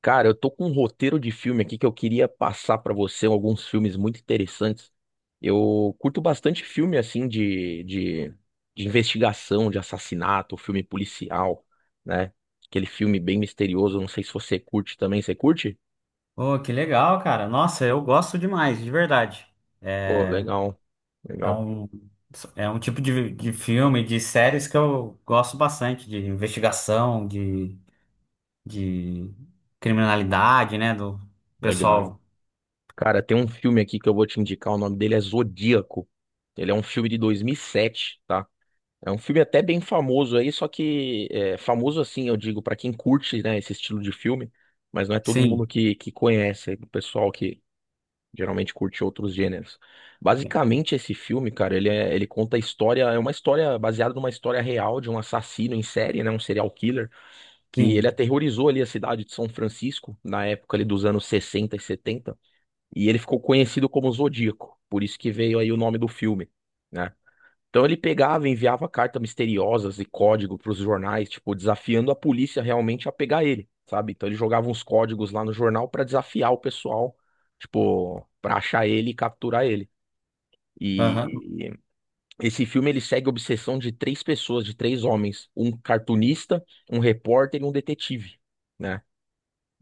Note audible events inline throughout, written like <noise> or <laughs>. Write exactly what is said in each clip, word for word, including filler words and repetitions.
Cara, eu tô com um roteiro de filme aqui que eu queria passar pra você, alguns filmes muito interessantes. Eu curto bastante filme assim de, de, de investigação, de assassinato, filme policial, né? Aquele filme bem misterioso, não sei se você curte também, você curte? Oh, que legal, cara. Nossa, eu gosto demais, de verdade. Pô, É, legal, é legal, um, é um tipo de, de filme, de séries que eu gosto bastante, de investigação, de, de criminalidade, né? Do legal. pessoal. Cara, tem um filme aqui que eu vou te indicar, o nome dele é Zodíaco. Ele é um filme de dois mil e sete, tá? É um filme até bem famoso aí, só que é, famoso assim, eu digo, pra quem curte, né, esse estilo de filme, mas não é todo mundo Sim, que, que conhece, é o pessoal que geralmente curte outros gêneros. Basicamente, esse filme, cara, ele, é- ele conta a história, é uma história baseada numa história real de um assassino em série, né, um serial killer, que ele sim. aterrorizou ali a cidade de São Francisco, na época ali dos anos sessenta e setenta e ele ficou conhecido como Zodíaco, por isso que veio aí o nome do filme, né? Então ele pegava e enviava cartas misteriosas e código para os jornais, tipo, desafiando a polícia realmente a pegar ele, sabe? Então ele jogava uns códigos lá no jornal para desafiar o pessoal, tipo, para achar ele e capturar ele. Aham. E esse filme ele segue a obsessão de três pessoas, de três homens, um cartunista, um repórter e um detetive, né?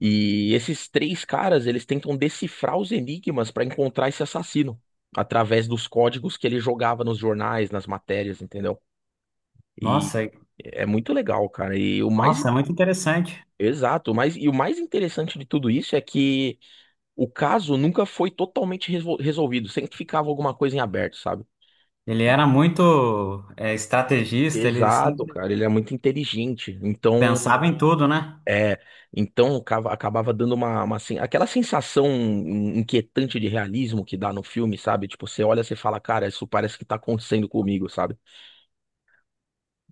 E esses três caras, eles tentam decifrar os enigmas para encontrar esse assassino através dos códigos que ele jogava nos jornais, nas matérias, entendeu? E Nossa, e- é muito legal, cara. E o mais Nossa, é muito interessante. exato, o mais e o mais interessante de tudo isso é que o caso nunca foi totalmente resol- resolvido, sempre ficava alguma coisa em aberto, sabe? Ele era muito, é, estrategista, ele Exato, sempre cara, ele é muito inteligente. Então, pensava em tudo, né? é, então cava- acabava dando uma, uma sen- aquela sensação inquietante de realismo que dá no filme, sabe? Tipo, você olha, você fala, cara, isso parece que tá acontecendo comigo, sabe?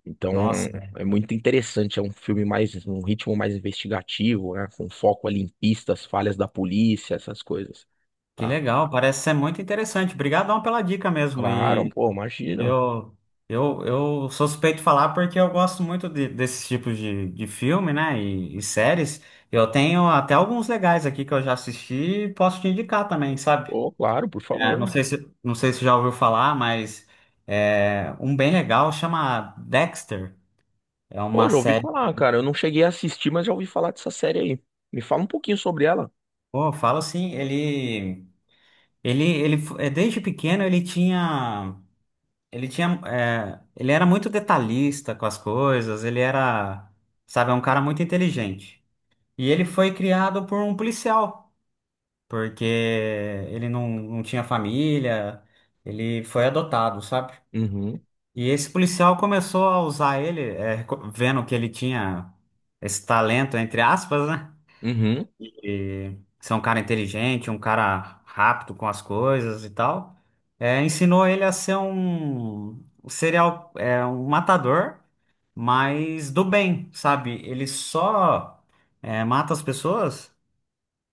Então, Nossa, é muito interessante. É um filme mais, um ritmo mais investigativo, né? Com foco ali em pistas, falhas da polícia, essas coisas. que Tá? legal. Parece ser muito interessante. Obrigadão pela dica mesmo. Claro, pô, imagina. Eu, eu, eu sou suspeito de falar porque eu gosto muito de, desses tipos de, de filme, né? E, e séries. Eu tenho até alguns legais aqui que eu já assisti e posso te indicar também, sabe? Pô, claro, por É, favor. não sei se, não sei se já ouviu falar, mas é, um bem legal chama Dexter. É Pô, uma já ouvi série. falar, cara. Eu não cheguei a assistir, mas já ouvi falar dessa série aí. Me fala um pouquinho sobre ela. Pô, eu falo assim, ele, ele, ele, f- é, desde pequeno ele tinha, ele tinha, é, ele era muito detalhista com as coisas. Ele era, sabe, é um cara muito inteligente. E ele foi criado por um policial, porque ele não, não tinha família, ele foi adotado, sabe? Uhum, E esse policial começou a usar ele, é, reco- vendo que ele tinha esse talento, entre aspas, né? uhum, E ser um cara inteligente, um cara rápido com as coisas e tal. É, ensinou ele a ser um um serial, é, um matador, mas do bem, sabe? Ele só, é, mata as pessoas.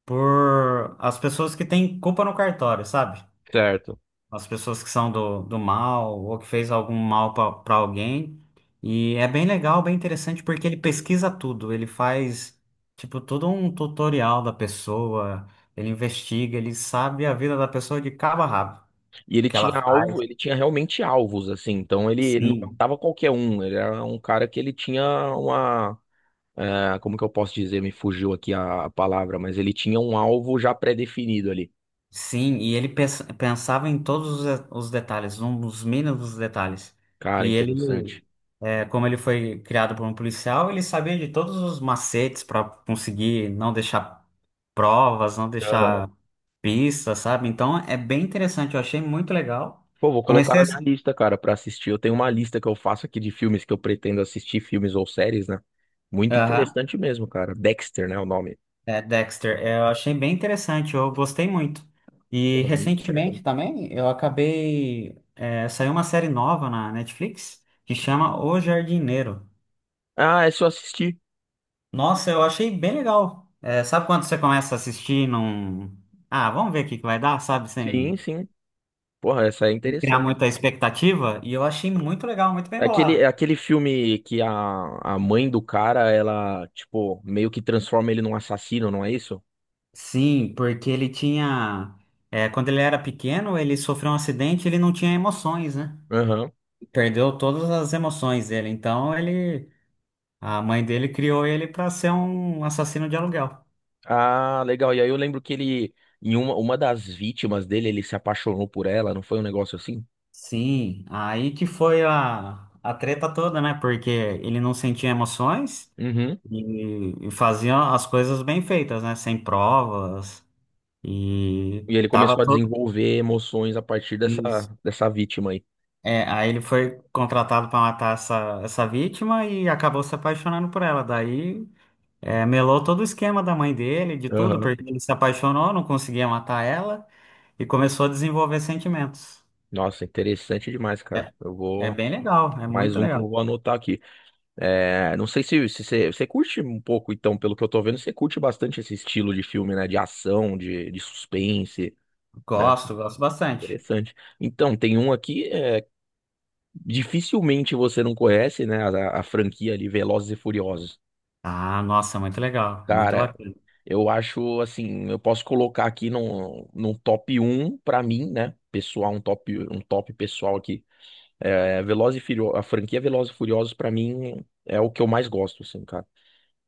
Por as pessoas que têm culpa no cartório, sabe? certo. As pessoas que são do, do mal ou que fez algum mal para alguém. E é bem legal, bem interessante, porque ele pesquisa tudo, ele faz, tipo, todo um tutorial da pessoa, ele investiga, ele sabe a vida da pessoa de cabo a rabo, o E ele que ela tinha alvo, faz, ele tinha realmente alvos, assim. Então, ele, ele não sim. matava qualquer um. Ele era um cara que ele tinha uma. Ah, como que eu posso dizer? Me fugiu aqui a, a palavra, mas ele tinha um alvo já pré-definido ali. Sim, e ele pens- pensava em todos os, os detalhes, nos mínimos detalhes. Cara, E interessante. ele, é, como ele foi criado por um policial, ele sabia de todos os macetes para conseguir não deixar provas, não Aham. deixar pistas, sabe? Então é bem interessante, eu achei muito legal. Pô, vou colocar Comecei na a... minha lista, cara, pra assistir. Eu tenho uma lista que eu faço aqui de filmes que eu pretendo assistir, filmes ou séries, né? Muito Aham, interessante mesmo, cara. Dexter, né, o nome. é, Dexter, é, eu achei bem interessante, eu gostei muito. E Porra, muito interessante. recentemente também eu acabei, é, saiu uma série nova na Netflix que chama O Jardineiro. Ah, é só assistir. Nossa, eu achei bem legal. É, sabe quando você começa a assistir num. Ah, vamos ver o que que vai dar, sabe? Sim, Sem sim. Porra, essa é criar interessante. muita expectativa. E eu achei muito legal, muito bem É aquele, é bolado. aquele filme que a, a mãe do cara, ela, tipo, meio que transforma ele num assassino, não é isso? Sim, porque ele tinha. é, quando ele era pequeno, ele sofreu um acidente, ele não tinha emoções, né? Aham. Perdeu todas as emoções dele. Então ele. A mãe dele criou ele para ser um assassino de aluguel. Ah, legal. E aí eu lembro que ele, em uma, uma das vítimas dele, ele se apaixonou por ela, não foi um negócio assim? Sim, aí que foi a, a treta toda, né? Porque ele não sentia emoções. Uhum. E, e faziam as coisas bem feitas, né? Sem provas. E E ele tava começou a todo. desenvolver emoções a partir dessa, Isso. dessa vítima aí. É, aí ele foi contratado para matar essa, essa vítima e acabou se apaixonando por ela. Daí é, melou todo o esquema da mãe dele, de tudo, Aham. porque ele se apaixonou, não conseguia matar ela e começou a desenvolver sentimentos. Nossa, interessante demais, cara. É, Eu é vou. bem legal, é Mais muito um que legal. eu vou anotar aqui. É, não sei se, se você, você curte um pouco, então, pelo que eu tô vendo, você curte bastante esse estilo de filme, né? De ação, de, de suspense, né? Gosto, gosto bastante. Interessante. Então, tem um aqui. É, dificilmente você não conhece, né, a, a franquia ali, Velozes e Furiosos. Ah, nossa, muito legal, muito Cara, bacana. eu acho assim, eu posso colocar aqui no no top um pra mim, né, pessoal, um top, um top pessoal aqui. É, Velozes e Furiosos, a franquia Velozes e Furiosos pra mim é o que eu mais gosto, assim, cara.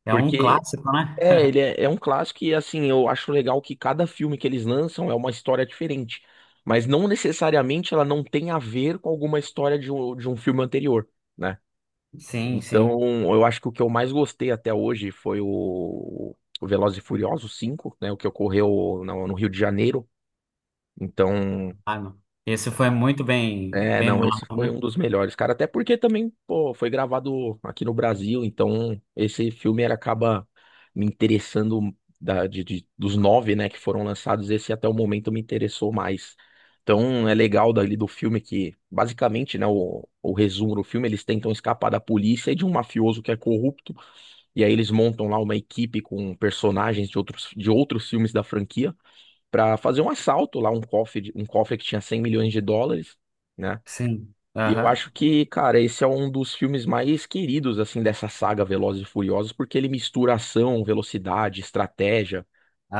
É um Porque clássico, é, né? ele é, é um clássico e assim, eu acho legal que cada filme que eles lançam é uma história diferente. Mas não necessariamente ela não tem a ver com alguma história de um, de um filme anterior, né? <laughs> Sim, sim. Então, eu acho que o que eu mais gostei até hoje foi o, o Velozes e Furiosos cinco, né? O que ocorreu no, no Rio de Janeiro. Então, Ah, não. Esse foi muito bem, é, bem não, esse bolado, foi um né? dos melhores, cara. Até porque também, pô, foi gravado aqui no Brasil. Então, esse filme ele acaba me interessando da, de, de- dos nove, né, que foram lançados. Esse até o momento me interessou mais. Então, é legal dali do filme que, basicamente, né, o, o resumo do filme, eles tentam escapar da polícia e de um mafioso que é corrupto. E aí eles montam lá uma equipe com personagens de outros, de outros filmes da franquia para fazer um assalto lá, um cofre, um cofre que tinha cem milhões de dólares, né? Sim. E eu acho Aham. que, cara, esse é um dos filmes mais queridos, assim, dessa saga Velozes e Furiosos, porque ele mistura ação, velocidade, estratégia,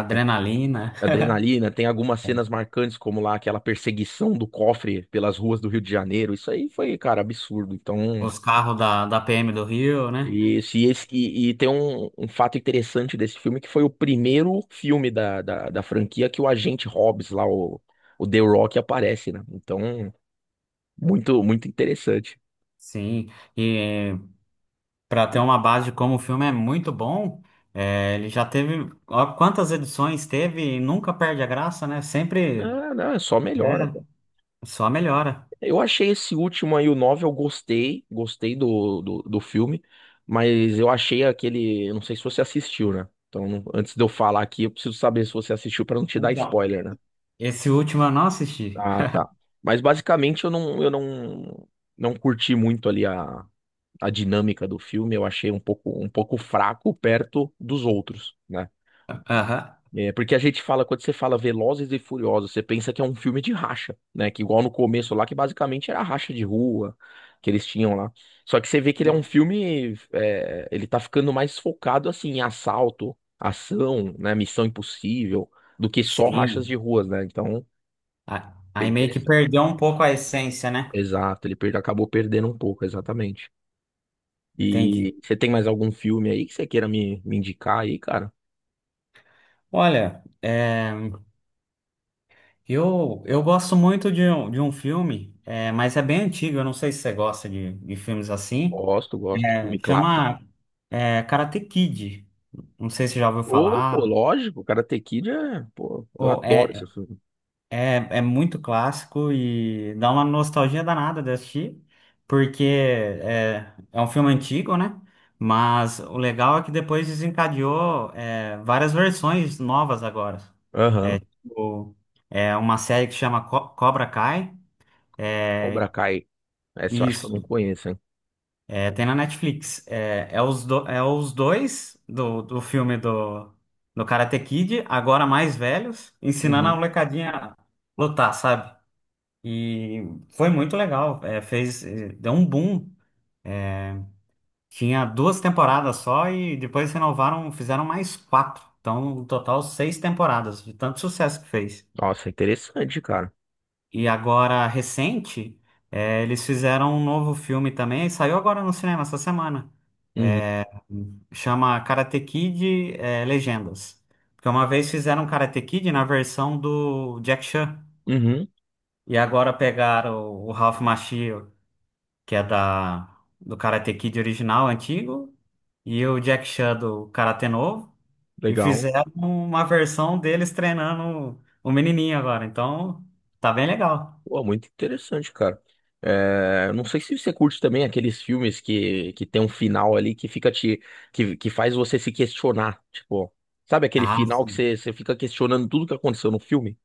Adrenalina. adrenalina. Tem algumas cenas <laughs> marcantes, como lá aquela perseguição do cofre pelas ruas do Rio de Janeiro. Isso aí foi, cara, absurdo. Então, Os carros da, da P M do Rio, né? isso, e, esse, e, e tem um, um fato interessante desse filme, que foi o primeiro filme da, da, da franquia que o agente Hobbs lá, o, o The Rock, aparece, né? Então, muito, muito interessante. Sim. E para ter uma base de como o filme é muito bom, é, ele já teve. Ó, quantas edições teve e nunca perde a graça, né? Sempre, Ah, não, é só melhora, né? cara. Só melhora. Eu achei esse último aí, o nove eu gostei, gostei do, do, do filme, mas eu achei aquele, eu não sei se você assistiu, né? Então, não- antes de eu falar aqui, eu preciso saber se você assistiu pra não te dar Então. spoiler, né? Esse último eu não assisti. Ah, tá. Mas basicamente eu não, eu não, não curti muito ali a a dinâmica do filme, eu achei um pouco, um pouco fraco perto dos outros, né? Aham. É, porque a gente fala, quando você fala Velozes e Furiosos, você pensa que é um filme de racha, né? Que igual no começo lá, que basicamente era racha de rua que eles tinham lá. Só que você vê que ele é um filme, é, ele tá ficando mais focado, assim, em assalto, ação, né? Missão Impossível, do que só rachas de Sim. ruas, né? Então, A- bem Aí meio que interessante. perdeu um pouco a essência, né? Exato, ele perde, acabou perdendo um pouco, exatamente. Entendi. E você tem mais algum filme aí que você queira me, me indicar aí, cara? Olha, é, Eu, eu gosto muito de um, de um filme, é, mas é bem antigo, eu não sei se você gosta de, de filmes assim. Gosto, gosto. É, Filme clássico. chama, é, Karate Kid. Não sei se você já ouviu Ô, pô, falar. lógico, Karate Kid é. Pô, eu Pô, adoro esse é, filme. é, é muito clássico e dá uma nostalgia danada de assistir, porque é, é um filme antigo, né? Mas o legal é que depois desencadeou, é, várias versões novas agora. Aham. O- É uma série que chama Co- Cobra Kai. Cobra É, Kai. Essa eu acho que eu não isso. conheço, hein? É, tem na Netflix. É, é, os, do- é os dois do, do filme do, do Karate Kid, agora mais velhos, ensinando a Uhum. molecadinha a lutar, sabe? E foi muito legal. É, fez, é, deu um boom. Tinha duas temporadas só e depois renovaram, fizeram mais quatro. Então, no total, seis temporadas, de tanto sucesso que fez. Nossa, interessante, cara. E agora, recente, é, eles fizeram um novo filme também, saiu agora no cinema essa semana. Uhum. Chama Karate Kid, é, Legendas. Porque uma vez fizeram um Karate Kid na versão do Jack Chan. Uhum. E agora pegaram o Ralph Macchio, que é da, do Karate Kid original, antigo, e o Jack Chan do Karate novo, e Legal. fizeram uma versão deles treinando o menininho agora. Então, tá bem legal. Pô, muito interessante, cara. É, não sei se você curte também aqueles filmes que, que tem um final ali que fica te. Que, que faz você se questionar. Tipo, sabe aquele Ah, final que você, você fica questionando tudo que aconteceu no filme?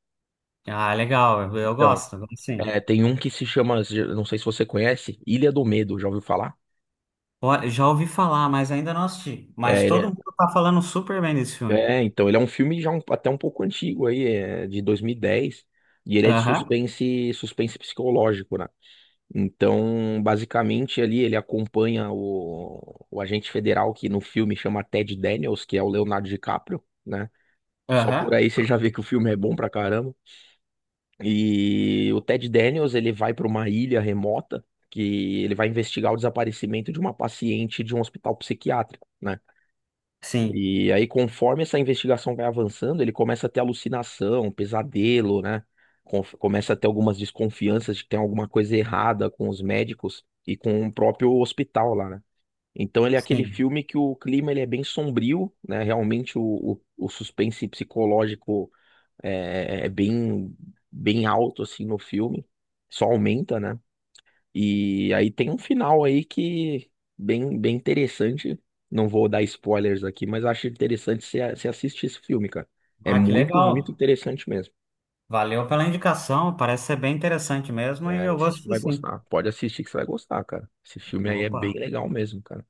ah, legal, eu eu Então, gosto, assim. é, tem um que se chama, não sei se você conhece, Ilha do Medo, já ouviu falar? Já ouvi falar, mas ainda não assisti. Mas É, todo ele- mundo tá falando super bem desse filme. é, é, então, ele é um filme já um- até um pouco antigo aí, é, de dois mil e dez, e dez, e ele é de Aham, suspense, suspense psicológico, né? Então, basicamente ali ele acompanha o, o agente federal que no filme chama Ted Daniels, que é o Leonardo DiCaprio, né? Só por aham. aí você já vê que o filme é bom pra caramba. E o Ted Daniels, ele vai para uma ilha remota que ele vai investigar o desaparecimento de uma paciente de um hospital psiquiátrico, né? Sim, E aí, conforme essa investigação vai avançando, ele começa a ter alucinação, pesadelo, né? Conf- começa a ter algumas desconfianças de que tem alguma coisa errada com os médicos e com o próprio hospital lá, né? Então ele é aquele sim. filme que o clima ele é bem sombrio, né? Realmente o, o, o suspense psicológico é, é é bem, bem alto assim no filme, só aumenta, né? E aí tem um final aí que bem, bem interessante. Não vou dar spoilers aqui, mas acho interessante você você assistir esse filme, cara. É Ah, que muito, muito legal. interessante mesmo. Valeu pela indicação, parece ser bem interessante mesmo e É, eu vou você assistir vai sim. gostar. Pode assistir que você vai gostar, cara. Esse filme aí é bem Opa, legal mesmo, cara,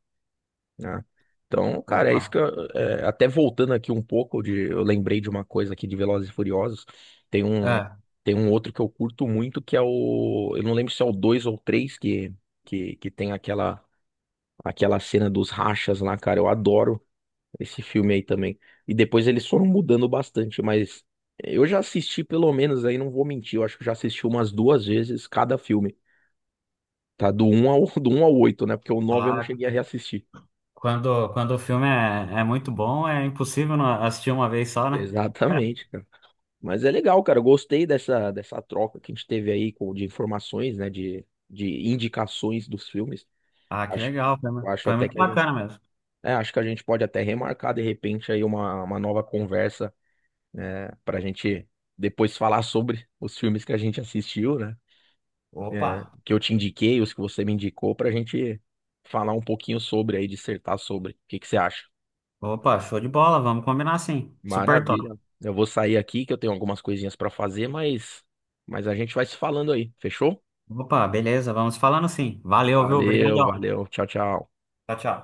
né? Então, cara, é opa. isso que eu, é, até voltando aqui um pouco de, eu lembrei de uma coisa aqui de Velozes e Furiosos. Tem um É, tem um outro que eu curto muito que é o, eu não lembro se é o dois ou o três, que que que tem aquela aquela cena dos rachas lá, cara. Eu adoro esse filme aí também. E depois eles foram mudando bastante, mas eu já assisti pelo menos aí, não vou mentir, eu acho que eu já assisti umas duas vezes cada filme. Tá do um ao <laughs> do um ao oito, né? Porque o nove eu não ah, cheguei a reassistir. Quando, quando o filme é, é muito bom, é impossível não assistir uma vez só, né? <laughs> Exatamente, cara. Mas é legal, cara. Eu gostei dessa, dessa troca que a gente teve aí com, de informações, né? De, de indicações dos filmes. Ah, que Acho, legal, foi, eu mu- acho foi até muito que a gente. bacana mesmo. É, acho que a gente pode até remarcar de repente aí uma, uma nova conversa, né, pra gente depois falar sobre os filmes que a gente assistiu, né? Opa, Que eu te indiquei, os que você me indicou, pra gente falar um pouquinho sobre aí, dissertar sobre. O que que você acha? opa, show de bola, vamos combinar sim. Super Maravilha. top. Eu vou sair aqui que eu tenho algumas coisinhas pra fazer, mas, mas a gente vai se falando aí, fechou? Opa, beleza, vamos falando sim. Valeu, viu? Valeu, Obrigadão. valeu. Tchau, tchau. Tchau, tchau.